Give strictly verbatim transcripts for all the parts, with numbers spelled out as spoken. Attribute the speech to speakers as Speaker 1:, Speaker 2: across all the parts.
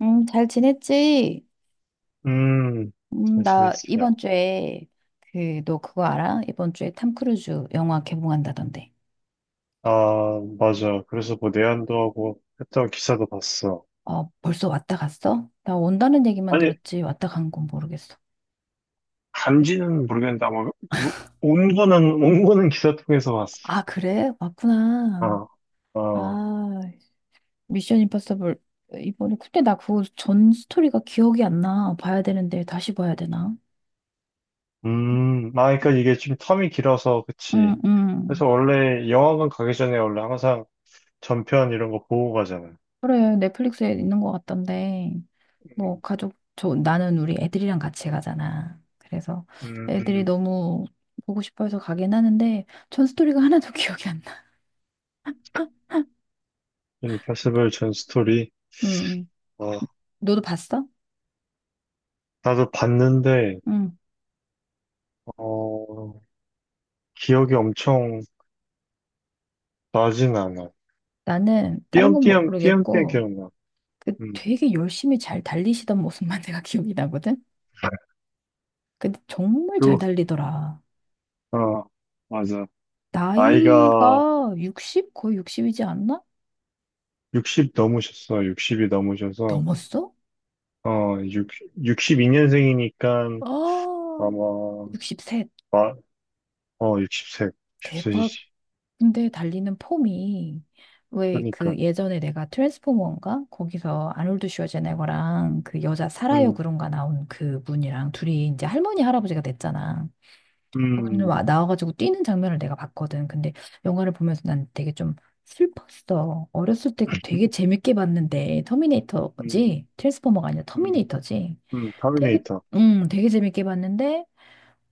Speaker 1: 음, 잘 지냈지?
Speaker 2: 음,
Speaker 1: 음,
Speaker 2: 잘
Speaker 1: 나 이번
Speaker 2: 지냈어요.
Speaker 1: 주에. 그, 너 그거 알아? 이번 주에 탐 크루즈 영화 개봉한다던데.
Speaker 2: 아, 맞아. 그래서 뭐 내한도 하고 했던 기사도 봤어.
Speaker 1: 어, 벌써 왔다 갔어? 나 온다는 얘기만
Speaker 2: 아니,
Speaker 1: 들었지 왔다 간 건 모르겠어.
Speaker 2: 간지는 모르겠는데 아마 뭐, 온 거는 온 거는 기사 통해서 봤어.
Speaker 1: 아, 그래? 왔구나.
Speaker 2: 어, 어.
Speaker 1: 아, 미션 임파서블 이번에. 근데 나 그거 전 스토리가 기억이 안 나. 봐야 되는데 다시 봐야 되나?
Speaker 2: 음, 아, 그러니까 이게 좀 텀이 길어서
Speaker 1: 응,
Speaker 2: 그치.
Speaker 1: 응.
Speaker 2: 그래서 원래 영화관 가기 전에 원래 항상 전편 이런 거 보고 가잖아.
Speaker 1: 그래, 넷플릭스에 있는 것 같던데, 뭐,
Speaker 2: 음,
Speaker 1: 가족, 저, 나는 우리 애들이랑 같이 가잖아. 그래서 애들이
Speaker 2: 음,
Speaker 1: 너무 보고 싶어 해서 가긴 하는데, 전 스토리가 하나도 기억이 안 나.
Speaker 2: 인파서블 전 스토리.
Speaker 1: 음, 음.
Speaker 2: 어,
Speaker 1: 너도 봤어?
Speaker 2: 나도 봤는데
Speaker 1: 응.
Speaker 2: 어, 기억이 엄청 나진 않아.
Speaker 1: 나는 다른 건
Speaker 2: 띄엄띄엄, 띄엄띄엄
Speaker 1: 모르겠고,
Speaker 2: 기억나.
Speaker 1: 그
Speaker 2: 음,
Speaker 1: 되게 열심히 잘 달리시던 모습만 내가 기억이 나거든? 근데 정말 잘
Speaker 2: 그,
Speaker 1: 달리더라.
Speaker 2: 어, 맞아. 나이가
Speaker 1: 나이가 육십? 거의 육십이지 않나?
Speaker 2: 예순 넘으셨어. 예순이 넘으셔서,
Speaker 1: 넘었어?
Speaker 2: 어, 육, 십이 년생이니까
Speaker 1: 아,
Speaker 2: 아마,
Speaker 1: 예순셋.
Speaker 2: 마, 어, 육십 세6십세시
Speaker 1: 대박.
Speaker 2: 지
Speaker 1: 근데 달리는 폼이 왜 그
Speaker 2: 그러니까.
Speaker 1: 예전에 내가 트랜스포머인가? 거기서 아놀드 슈워제네거랑 그 여자 사라요
Speaker 2: 음,
Speaker 1: 그런가 나온 그 분이랑 둘이 이제 할머니 할아버지가 됐잖아. 그분들
Speaker 2: 음,
Speaker 1: 와 나와가지고 뛰는 장면을 내가 봤거든. 근데 영화를 보면서 난 되게 좀 슬펐어. 어렸을 때 그 되게 재밌게 봤는데
Speaker 2: 음,
Speaker 1: 터미네이터지? 트랜스포머가 아니라
Speaker 2: 음,
Speaker 1: 터미네이터지?
Speaker 2: 음,
Speaker 1: 되게
Speaker 2: 터미네이터.
Speaker 1: 음 되게 재밌게 봤는데.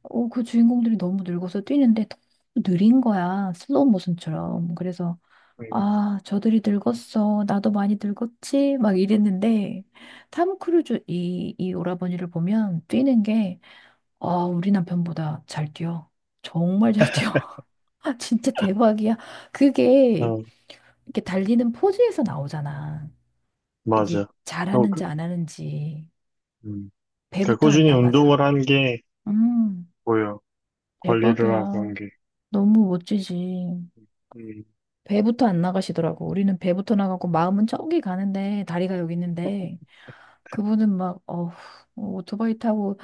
Speaker 1: 어, 그 주인공들이 너무 늙어서 뛰는데 너무 느린 거야. 슬로우 모션처럼. 그래서,
Speaker 2: 음,
Speaker 1: 아, 저들이 늙었어. 나도 많이 늙었지. 막 이랬는데, 탐 크루즈 이, 이 오라버니를 보면 뛰는 게, 아, 우리 남편보다 잘 뛰어. 정말 잘 뛰어. 아, 진짜 대박이야. 그게
Speaker 2: 어,
Speaker 1: 이렇게 달리는 포즈에서 나오잖아. 이게
Speaker 2: 맞아. 어,
Speaker 1: 잘하는지
Speaker 2: 그,
Speaker 1: 안 하는지.
Speaker 2: 음. 그러니까
Speaker 1: 배부터 안
Speaker 2: 꾸준히
Speaker 1: 나가다.
Speaker 2: 운동을 한 게
Speaker 1: 음,
Speaker 2: 보여. 관리를 하고
Speaker 1: 대박이야.
Speaker 2: 한 게.
Speaker 1: 너무 멋지지.
Speaker 2: 음,
Speaker 1: 배부터 안 나가시더라고. 우리는 배부터 나가고 마음은 저기 가는데 다리가 여기 있는데 그분은 막 어, 오토바이 타고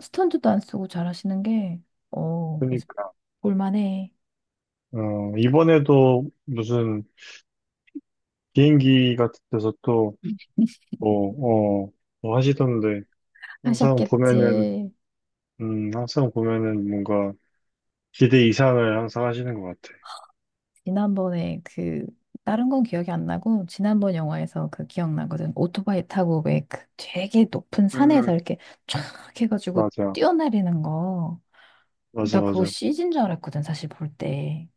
Speaker 1: 스턴트도 안 쓰고 잘하시는 게. 어, 그래서
Speaker 2: 그러니까.
Speaker 1: 볼만해
Speaker 2: 어, 이번에도 무슨 비행기 같은 데서 또, 뭐, 어, 뭐 하시던데, 항상 보면은,
Speaker 1: 하셨겠지.
Speaker 2: 음, 항상 보면은 뭔가 기대 이상을 항상 하시는 것 같아.
Speaker 1: 지난번에 그 다른 건 기억이 안 나고 지난번 영화에서 그 기억나거든. 오토바이 타고 왜 그 되게 높은
Speaker 2: 음,
Speaker 1: 산에서 이렇게 쫙 해가지고
Speaker 2: 맞아,
Speaker 1: 뛰어내리는 거. 어,
Speaker 2: 맞아,
Speaker 1: 나 그거
Speaker 2: 맞아.
Speaker 1: 씨지인 줄 알았거든 사실 볼 때.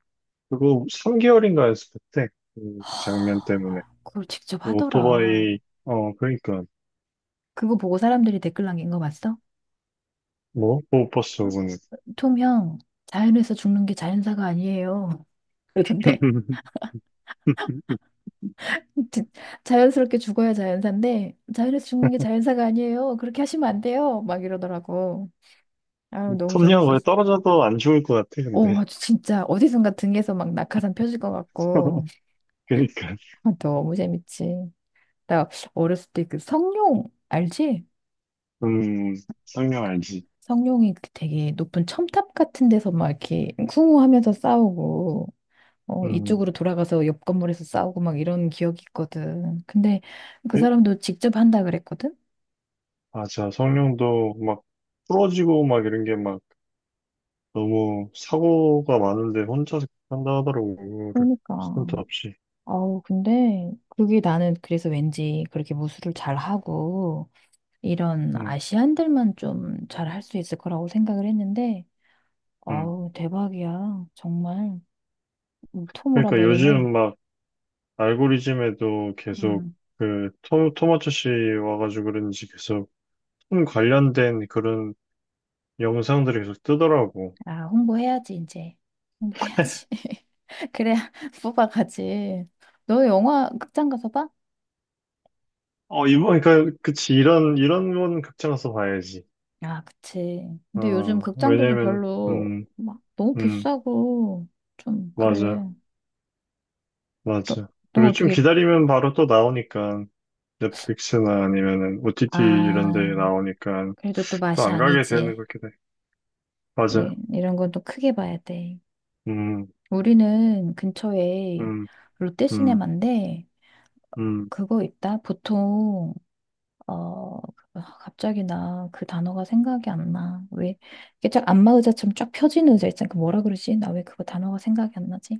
Speaker 2: 그거 삼 개월인가 했을 때, 그 장면 때문에.
Speaker 1: 하, 그걸 직접
Speaker 2: 그
Speaker 1: 하더라.
Speaker 2: 오토바이, 어, 그러니까.
Speaker 1: 그거 보고 사람들이 댓글 남긴 거 봤어?
Speaker 2: 뭐, 못 봤어,
Speaker 1: 어?
Speaker 2: 그거는.
Speaker 1: 톰 형, 자연에서 죽는 게 자연사가 아니에요. 그러던데. 지- 자연스럽게 죽어야 자연사인데, 자연에서 죽는 게 자연사가 아니에요. 그렇게 하시면 안 돼요. 막 이러더라고. 아, 너무
Speaker 2: 톱니가 거의
Speaker 1: 재밌었어.
Speaker 2: 떨어져도 안 죽을 것 같아,
Speaker 1: 오,
Speaker 2: 근데.
Speaker 1: 아주 진짜 어디선가 등에서 막 낙하산 펴질 것 같고.
Speaker 2: 그러니까.
Speaker 1: 아, 너무 재밌지. 나 어렸을 때 그 성룡 알지?
Speaker 2: 음, 성령 알지.
Speaker 1: 성룡이 그 되게 높은 첨탑 같은 데서 막 이렇게 쿵후하면서 싸우고 어,
Speaker 2: 음,
Speaker 1: 이쪽으로 돌아가서 옆 건물에서 싸우고 막 이런 기억이 있거든. 근데 그 사람도 직접 한다 그랬거든.
Speaker 2: 맞아. 성룡도 막 부러지고 막 이런 게 막 너무 사고가 많은데 혼자서 한다 하더라고. 이거를 스턴트
Speaker 1: 그러니까
Speaker 2: 없이.
Speaker 1: 아우, 근데 그게 나는 그래서 왠지 그렇게 무술을 잘 하고 이런
Speaker 2: 응,
Speaker 1: 아시안들만 좀 잘 할 수 있을 거라고 생각을 했는데,
Speaker 2: 응.
Speaker 1: 아우 대박이야 정말. 음, 톰
Speaker 2: 그러니까
Speaker 1: 오라버니는.
Speaker 2: 요즘 막 알고리즘에도 계속
Speaker 1: 음,
Speaker 2: 그 토, 토마토 씨 와가지고 그런지 계속 톰 관련된 그런 영상들이 계속 뜨더라고.
Speaker 1: 아, 홍보해야지, 이제. 홍보해야지. 그래야 뽑아가지. 너 영화 극장 가서 봐?
Speaker 2: 어, 이번, 그러니까, 그치. 이런, 이런 건 극장에서 봐야지.
Speaker 1: 아, 그치. 근데 요즘
Speaker 2: 어,
Speaker 1: 극장들도
Speaker 2: 왜냐면,
Speaker 1: 별로
Speaker 2: 음,
Speaker 1: 막 너무
Speaker 2: 음,
Speaker 1: 비싸고 좀 그래.
Speaker 2: 맞아.
Speaker 1: 너,
Speaker 2: 맞아.
Speaker 1: 너
Speaker 2: 그리고 좀
Speaker 1: 어떻게,
Speaker 2: 기다리면 바로 또 나오니까 넷플릭스나 아니면은 오 티 티 이런 데
Speaker 1: 아,
Speaker 2: 나오니까
Speaker 1: 그래도 또
Speaker 2: 또
Speaker 1: 맛이
Speaker 2: 안 가게 되는
Speaker 1: 아니지.
Speaker 2: 것 같긴 해. 맞아.
Speaker 1: 예, 이런 건 또 크게 봐야 돼.
Speaker 2: 음,
Speaker 1: 우리는 근처에
Speaker 2: 음, 음,
Speaker 1: 롯데시네마인데
Speaker 2: 음.
Speaker 1: 그거 있다. 보통 어, 아, 갑자기 나 그 단어가 생각이 안 나. 왜, 이게 쫙 안마 의자처럼 쫙 펴지는 의자 있잖아. 그 뭐라 그러지? 나 왜 그거 단어가 생각이 안 나지?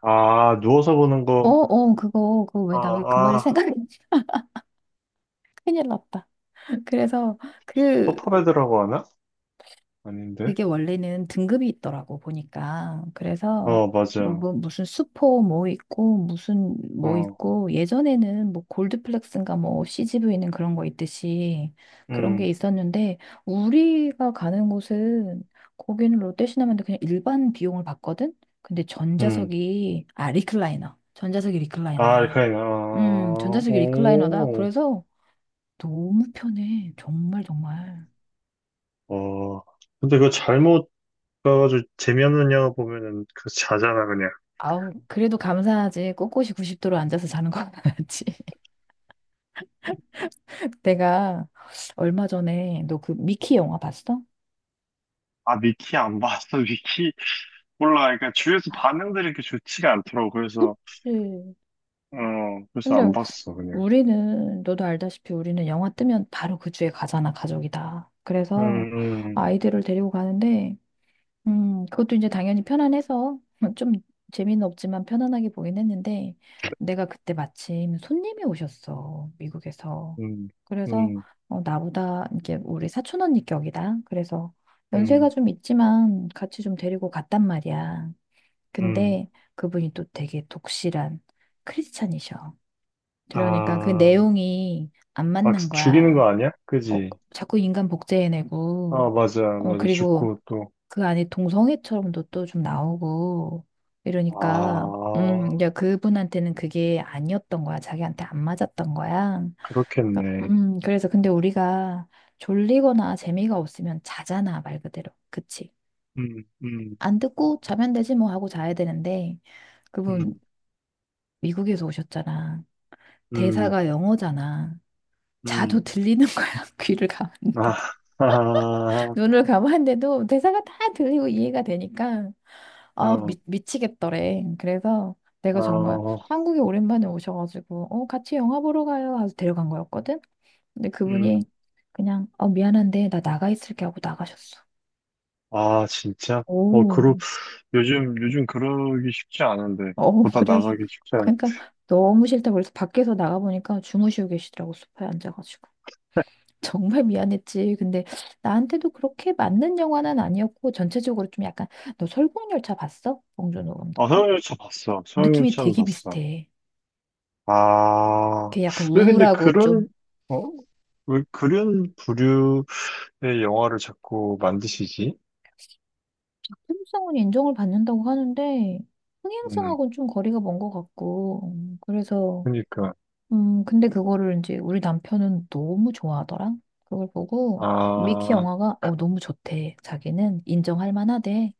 Speaker 2: 아, 누워서 보는
Speaker 1: 어,
Speaker 2: 거.
Speaker 1: 어, 그거, 그거 왜,
Speaker 2: 아,
Speaker 1: 나 왜 그 말이
Speaker 2: 아,
Speaker 1: 생각이, 큰일 났다. 그래서 그,
Speaker 2: 소파베드라고 하나? 아닌데?
Speaker 1: 그게 원래는 등급이 있더라고 보니까. 그래서
Speaker 2: 어,
Speaker 1: 뭐,
Speaker 2: 맞아.
Speaker 1: 뭐 무슨 수포 뭐 있고 무슨 뭐
Speaker 2: 어,
Speaker 1: 있고, 예전에는 뭐 골드플렉스인가 뭐 씨지브이는 그런 거 있듯이 그런 게
Speaker 2: 음,
Speaker 1: 있었는데 우리가 가는 곳은, 거기는 롯데시네마인데 그냥 일반 비용을 받거든. 근데
Speaker 2: 음.
Speaker 1: 전자석이, 아 리클라이너, 전자석이
Speaker 2: 아,
Speaker 1: 리클라이너야.
Speaker 2: 알카이나.
Speaker 1: 음
Speaker 2: 아,
Speaker 1: 전자석이 리클라이너다.
Speaker 2: 오,
Speaker 1: 그래서 너무 편해 정말 정말.
Speaker 2: 어. 근데 그거 잘못 봐가지고 재미없는 영화 보면은 그 자잖아, 그냥.
Speaker 1: 아우, 그래도 감사하지. 꼿꼿이 구십 도로 앉아서 자는 거 낫지. 내가 얼마 전에, 너 그 미키 영화 봤어?
Speaker 2: 아, 미키 안 봤어, 미키. 몰라, 그러니까 주위에서 반응들이 이렇게 좋지가 않더라고. 그래서,
Speaker 1: 그치.
Speaker 2: 어, 그래서
Speaker 1: 근데
Speaker 2: 안 봤어, 그냥.
Speaker 1: 우리는 너도 알다시피 우리는 영화 뜨면 바로 그 주에 가잖아, 가족이다. 그래서
Speaker 2: 음,
Speaker 1: 아이들을 데리고 가는데 음, 그것도 이제 당연히 편안해서 좀 재미는 없지만 편안하게 보긴 했는데, 내가 그때 마침 손님이 오셨어, 미국에서.
Speaker 2: 음,
Speaker 1: 그래서
Speaker 2: 음,
Speaker 1: 어, 나보다 이게 우리 사촌 언니 격이다. 그래서 연세가
Speaker 2: 음,
Speaker 1: 좀 있지만 같이 좀 데리고 갔단 말이야.
Speaker 2: 음.
Speaker 1: 근데 그분이 또 되게 독실한 크리스찬이셔. 그러니까 그
Speaker 2: 아,
Speaker 1: 내용이 안
Speaker 2: 막
Speaker 1: 맞는
Speaker 2: 죽이는
Speaker 1: 거야.
Speaker 2: 거 아니야?
Speaker 1: 어,
Speaker 2: 그지?
Speaker 1: 자꾸 인간 복제해내고,
Speaker 2: 아, 맞아,
Speaker 1: 어,
Speaker 2: 맞아.
Speaker 1: 그리고
Speaker 2: 죽고 또.
Speaker 1: 그 안에 동성애처럼도 또 좀 나오고 이러니까, 음
Speaker 2: 아,
Speaker 1: 이제 그분한테는 그게 아니었던 거야. 자기한테 안 맞았던 거야. 그러니까,
Speaker 2: 그렇겠네.
Speaker 1: 음 그래서 근데 우리가 졸리거나 재미가 없으면 자잖아, 말 그대로. 그치.
Speaker 2: 음, 음,
Speaker 1: 안 듣고 자면 되지, 뭐 하고 자야 되는데, 그분
Speaker 2: 음,
Speaker 1: 미국에서 오셨잖아.
Speaker 2: 음,
Speaker 1: 대사가 영어잖아. 자도
Speaker 2: 음.
Speaker 1: 들리는 거야, 귀를 감아.
Speaker 2: 아, 아,
Speaker 1: 눈을 감았는데도 대사가 다 들리고 이해가 되니까, 아,
Speaker 2: 어,
Speaker 1: 미, 미치겠더래. 그래서 내가 정말
Speaker 2: 어,
Speaker 1: 한국에 오랜만에 오셔가지고, 어, 같이 영화 보러 가요 하고 데려간 거였거든. 근데 그분이
Speaker 2: 음.
Speaker 1: 그냥, 어, 미안한데, 나 나가 있을게 하고 나가셨어.
Speaker 2: 아, 진짜? 어,
Speaker 1: 오,
Speaker 2: 그러, 요즘, 요즘 그러기 쉽지 않은데.
Speaker 1: 어,
Speaker 2: 보다
Speaker 1: 그래서,
Speaker 2: 나가기 쉽지 않은데.
Speaker 1: 그러니까 너무 싫다고. 그래서 밖에서 나가보니까 주무시고 계시더라고, 소파에 앉아가지고. 정말 미안했지. 근데 나한테도 그렇게 맞는 영화는 아니었고, 전체적으로 좀 약간, 너 설국열차 봤어? 봉준호
Speaker 2: 아,
Speaker 1: 감독 거?
Speaker 2: 소형열차 봤어.
Speaker 1: 느낌이
Speaker 2: 소형열차는
Speaker 1: 되게
Speaker 2: 봤어.
Speaker 1: 비슷해.
Speaker 2: 아,
Speaker 1: 걔 약간
Speaker 2: 왜 근데
Speaker 1: 우울하고 좀
Speaker 2: 그런, 어, 왜 그런 부류의 영화를 자꾸 만드시지?
Speaker 1: 통성은 인정을 받는다고 하는데
Speaker 2: 음,
Speaker 1: 흥행성하고는 좀 거리가 먼 것 같고. 음, 그래서
Speaker 2: 그러니까.
Speaker 1: 음 근데 그거를 이제 우리 남편은 너무 좋아하더라. 그걸 보고 미키
Speaker 2: 아,
Speaker 1: 영화가 어 너무 좋대. 자기는 인정할 만하대.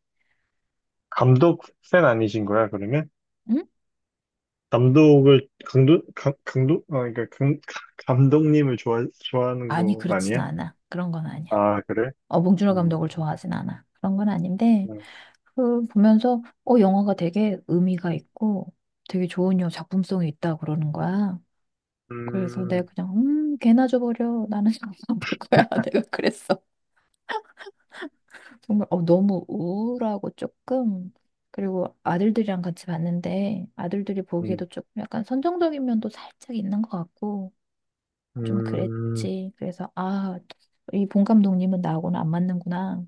Speaker 2: 감독 팬 아니신 거야, 그러면?
Speaker 1: 응?
Speaker 2: 감독을, 강도, 강, 강도? 아, 그러니까, 강, 감독님을 좋아, 좋아하는
Speaker 1: 아니
Speaker 2: 거
Speaker 1: 그렇진
Speaker 2: 아니야?
Speaker 1: 않아. 그런 건 아니야.
Speaker 2: 아, 그래?
Speaker 1: 어 봉준호
Speaker 2: 음,
Speaker 1: 감독을 좋아하진 않아. 그런 건 아닌데,
Speaker 2: 음,
Speaker 1: 그 보면서 어 영화가 되게 의미가 있고 되게 좋은, 여 작품성이 있다 그러는 거야. 그래서
Speaker 2: 음,
Speaker 1: 내가 그냥, 음, 걔나 줘버려. 나는 영볼 거야. 내가 그랬어. 정말 어, 너무 우울하고 조금, 그리고 아들들이랑 같이 봤는데 아들들이 보기에도 조금 약간 선정적인 면도 살짝 있는 것 같고 좀
Speaker 2: 음.
Speaker 1: 그랬지. 그래서 아, 이 본 감독님은 나하고는 안 맞는구나.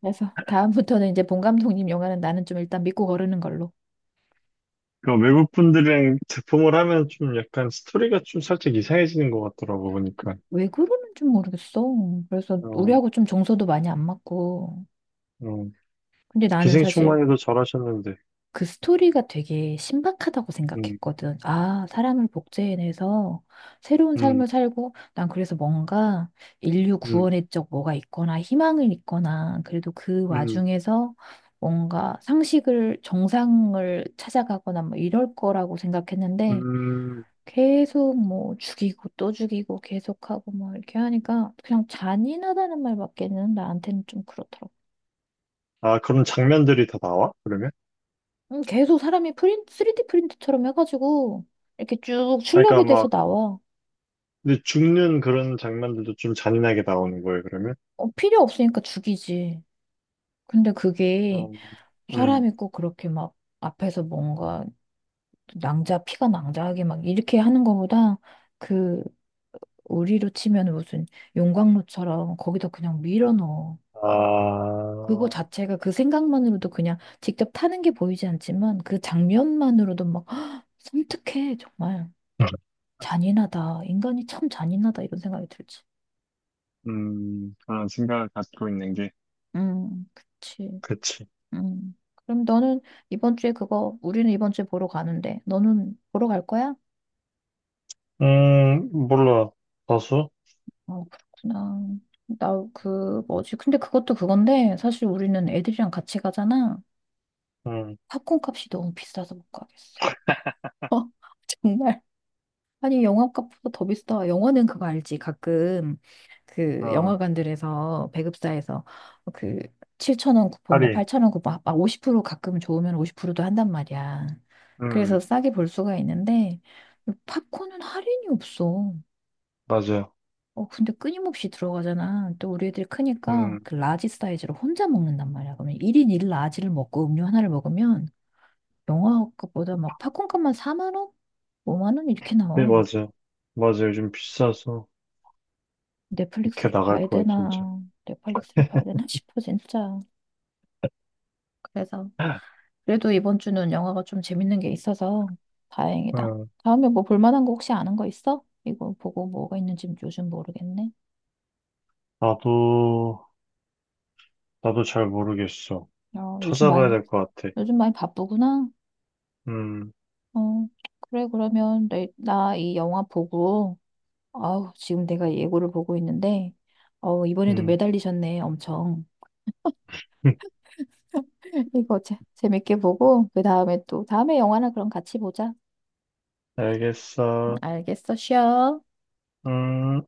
Speaker 1: 그래서 다음부터는 이제 본 감독님 영화는 나는 좀 일단 믿고 거르는 걸로.
Speaker 2: 그러니까 외국 분들이랑 제품을 하면 좀 약간 스토리가 좀 살짝 이상해지는 것 같더라고 보니까.
Speaker 1: 왜 그러는지 모르겠어. 그래서
Speaker 2: 어,
Speaker 1: 우리하고 좀 정서도 많이 안 맞고.
Speaker 2: 어.
Speaker 1: 근데 나는 사실
Speaker 2: 기생충만 해도 잘하셨는데.
Speaker 1: 그 스토리가 되게 신박하다고
Speaker 2: 음,
Speaker 1: 생각했거든. 아, 사람을 복제해내서 새로운
Speaker 2: 음,
Speaker 1: 삶을 살고, 난 그래서 뭔가 인류
Speaker 2: 음,
Speaker 1: 구원의 적 뭐가 있거나 희망을 있거나, 그래도 그
Speaker 2: 음,
Speaker 1: 와중에서 뭔가 상식을, 정상을 찾아가거나 뭐 이럴 거라고 생각했는데,
Speaker 2: 음.
Speaker 1: 계속 뭐 죽이고 또 죽이고 계속하고 뭐 이렇게 하니까 그냥 잔인하다는 말밖에는, 나한테는 좀 그렇더라고.
Speaker 2: 아, 그런 장면들이 다 나와? 그러면?
Speaker 1: 음, 계속 사람이 프린트, 쓰리디 프린트처럼 해가지고 이렇게 쭉
Speaker 2: 아, 그러니까
Speaker 1: 출력이 돼서
Speaker 2: 막
Speaker 1: 나와.
Speaker 2: 근데 죽는 그런 장면들도 좀 잔인하게 나오는 거예요, 그러면?
Speaker 1: 어, 필요 없으니까 죽이지. 근데 그게
Speaker 2: 음, 음,
Speaker 1: 사람이 꼭 그렇게 막 앞에서 뭔가 낭자, 피가 낭자하게 막 이렇게 하는 거보다 그 우리로 치면 무슨 용광로처럼 거기다 그냥 밀어넣어. 그거
Speaker 2: 아,
Speaker 1: 자체가 그 생각만으로도, 그냥 직접 타는 게 보이지 않지만 그 장면만으로도 막 섬뜩해, 정말. 잔인하다. 인간이 참 잔인하다. 이런 생각이 들지.
Speaker 2: 음, 그런 생각을 갖고 있는 게.
Speaker 1: 음, 그치.
Speaker 2: 그치.
Speaker 1: 음. 그럼 너는 이번 주에 그거, 우리는 이번 주에 보러 가는데, 너는 보러 갈 거야?
Speaker 2: 음, 몰라. 다수?
Speaker 1: 어, 그렇구나. 나 그, 뭐지? 근데 그것도 그건데, 사실 우리는 애들이랑 같이 가잖아.
Speaker 2: 음,
Speaker 1: 팝콘 값이 너무 비싸서 못 가겠어. 어, 정말. 아니, 영화값보다 더 비싸. 영화는 그거 알지? 가끔 그
Speaker 2: 어,
Speaker 1: 영화관들에서 배급사에서 그 칠천 원 쿠폰, 뭐
Speaker 2: 할인.
Speaker 1: 팔천 원 쿠폰, 막 오십 프로 가끔 좋으면 오십 프로도 한단 말이야. 그래서 싸게 볼 수가 있는데 팝콘은 할인이 없어.
Speaker 2: 맞아요.
Speaker 1: 어, 근데 끊임없이 들어가잖아. 또 우리 애들이 크니까
Speaker 2: 음,
Speaker 1: 그 라지 사이즈로 혼자 먹는단 말이야. 그러면 일 인 일 라지를 먹고 음료 하나를 먹으면 영화값보다 막 팝콘값만 사만 원? 오만 원 이렇게
Speaker 2: 네,
Speaker 1: 나와.
Speaker 2: 맞아요. 맞아요. 요즘 비싸서 이렇게
Speaker 1: 넷플릭스를
Speaker 2: 나갈
Speaker 1: 봐야
Speaker 2: 거야, 진짜.
Speaker 1: 되나, 넷플릭스를 봐야 되나 싶어, 진짜. 그래서, 그래도 이번 주는 영화가 좀 재밌는 게 있어서 다행이다.
Speaker 2: 음,
Speaker 1: 다음에 뭐 볼만한 거 혹시 아는 거 있어? 이거 보고 뭐가 있는지 요즘 모르겠네.
Speaker 2: 나도, 나도 잘 모르겠어.
Speaker 1: 어, 요즘
Speaker 2: 찾아봐야
Speaker 1: 많이,
Speaker 2: 될 것 같아.
Speaker 1: 요즘 많이 바쁘구나.
Speaker 2: 음,
Speaker 1: 어, 그래, 그러면 내, 나 이 영화 보고, 아우, 지금 내가 예고를 보고 있는데, 어, 이번에도
Speaker 2: 음,
Speaker 1: 매달리셨네, 엄청. 이거 재, 재밌게 보고, 그 다음에 또, 다음에 영화나 그럼 같이 보자.
Speaker 2: 알겠어.
Speaker 1: 알겠어, 쉬어.
Speaker 2: 음.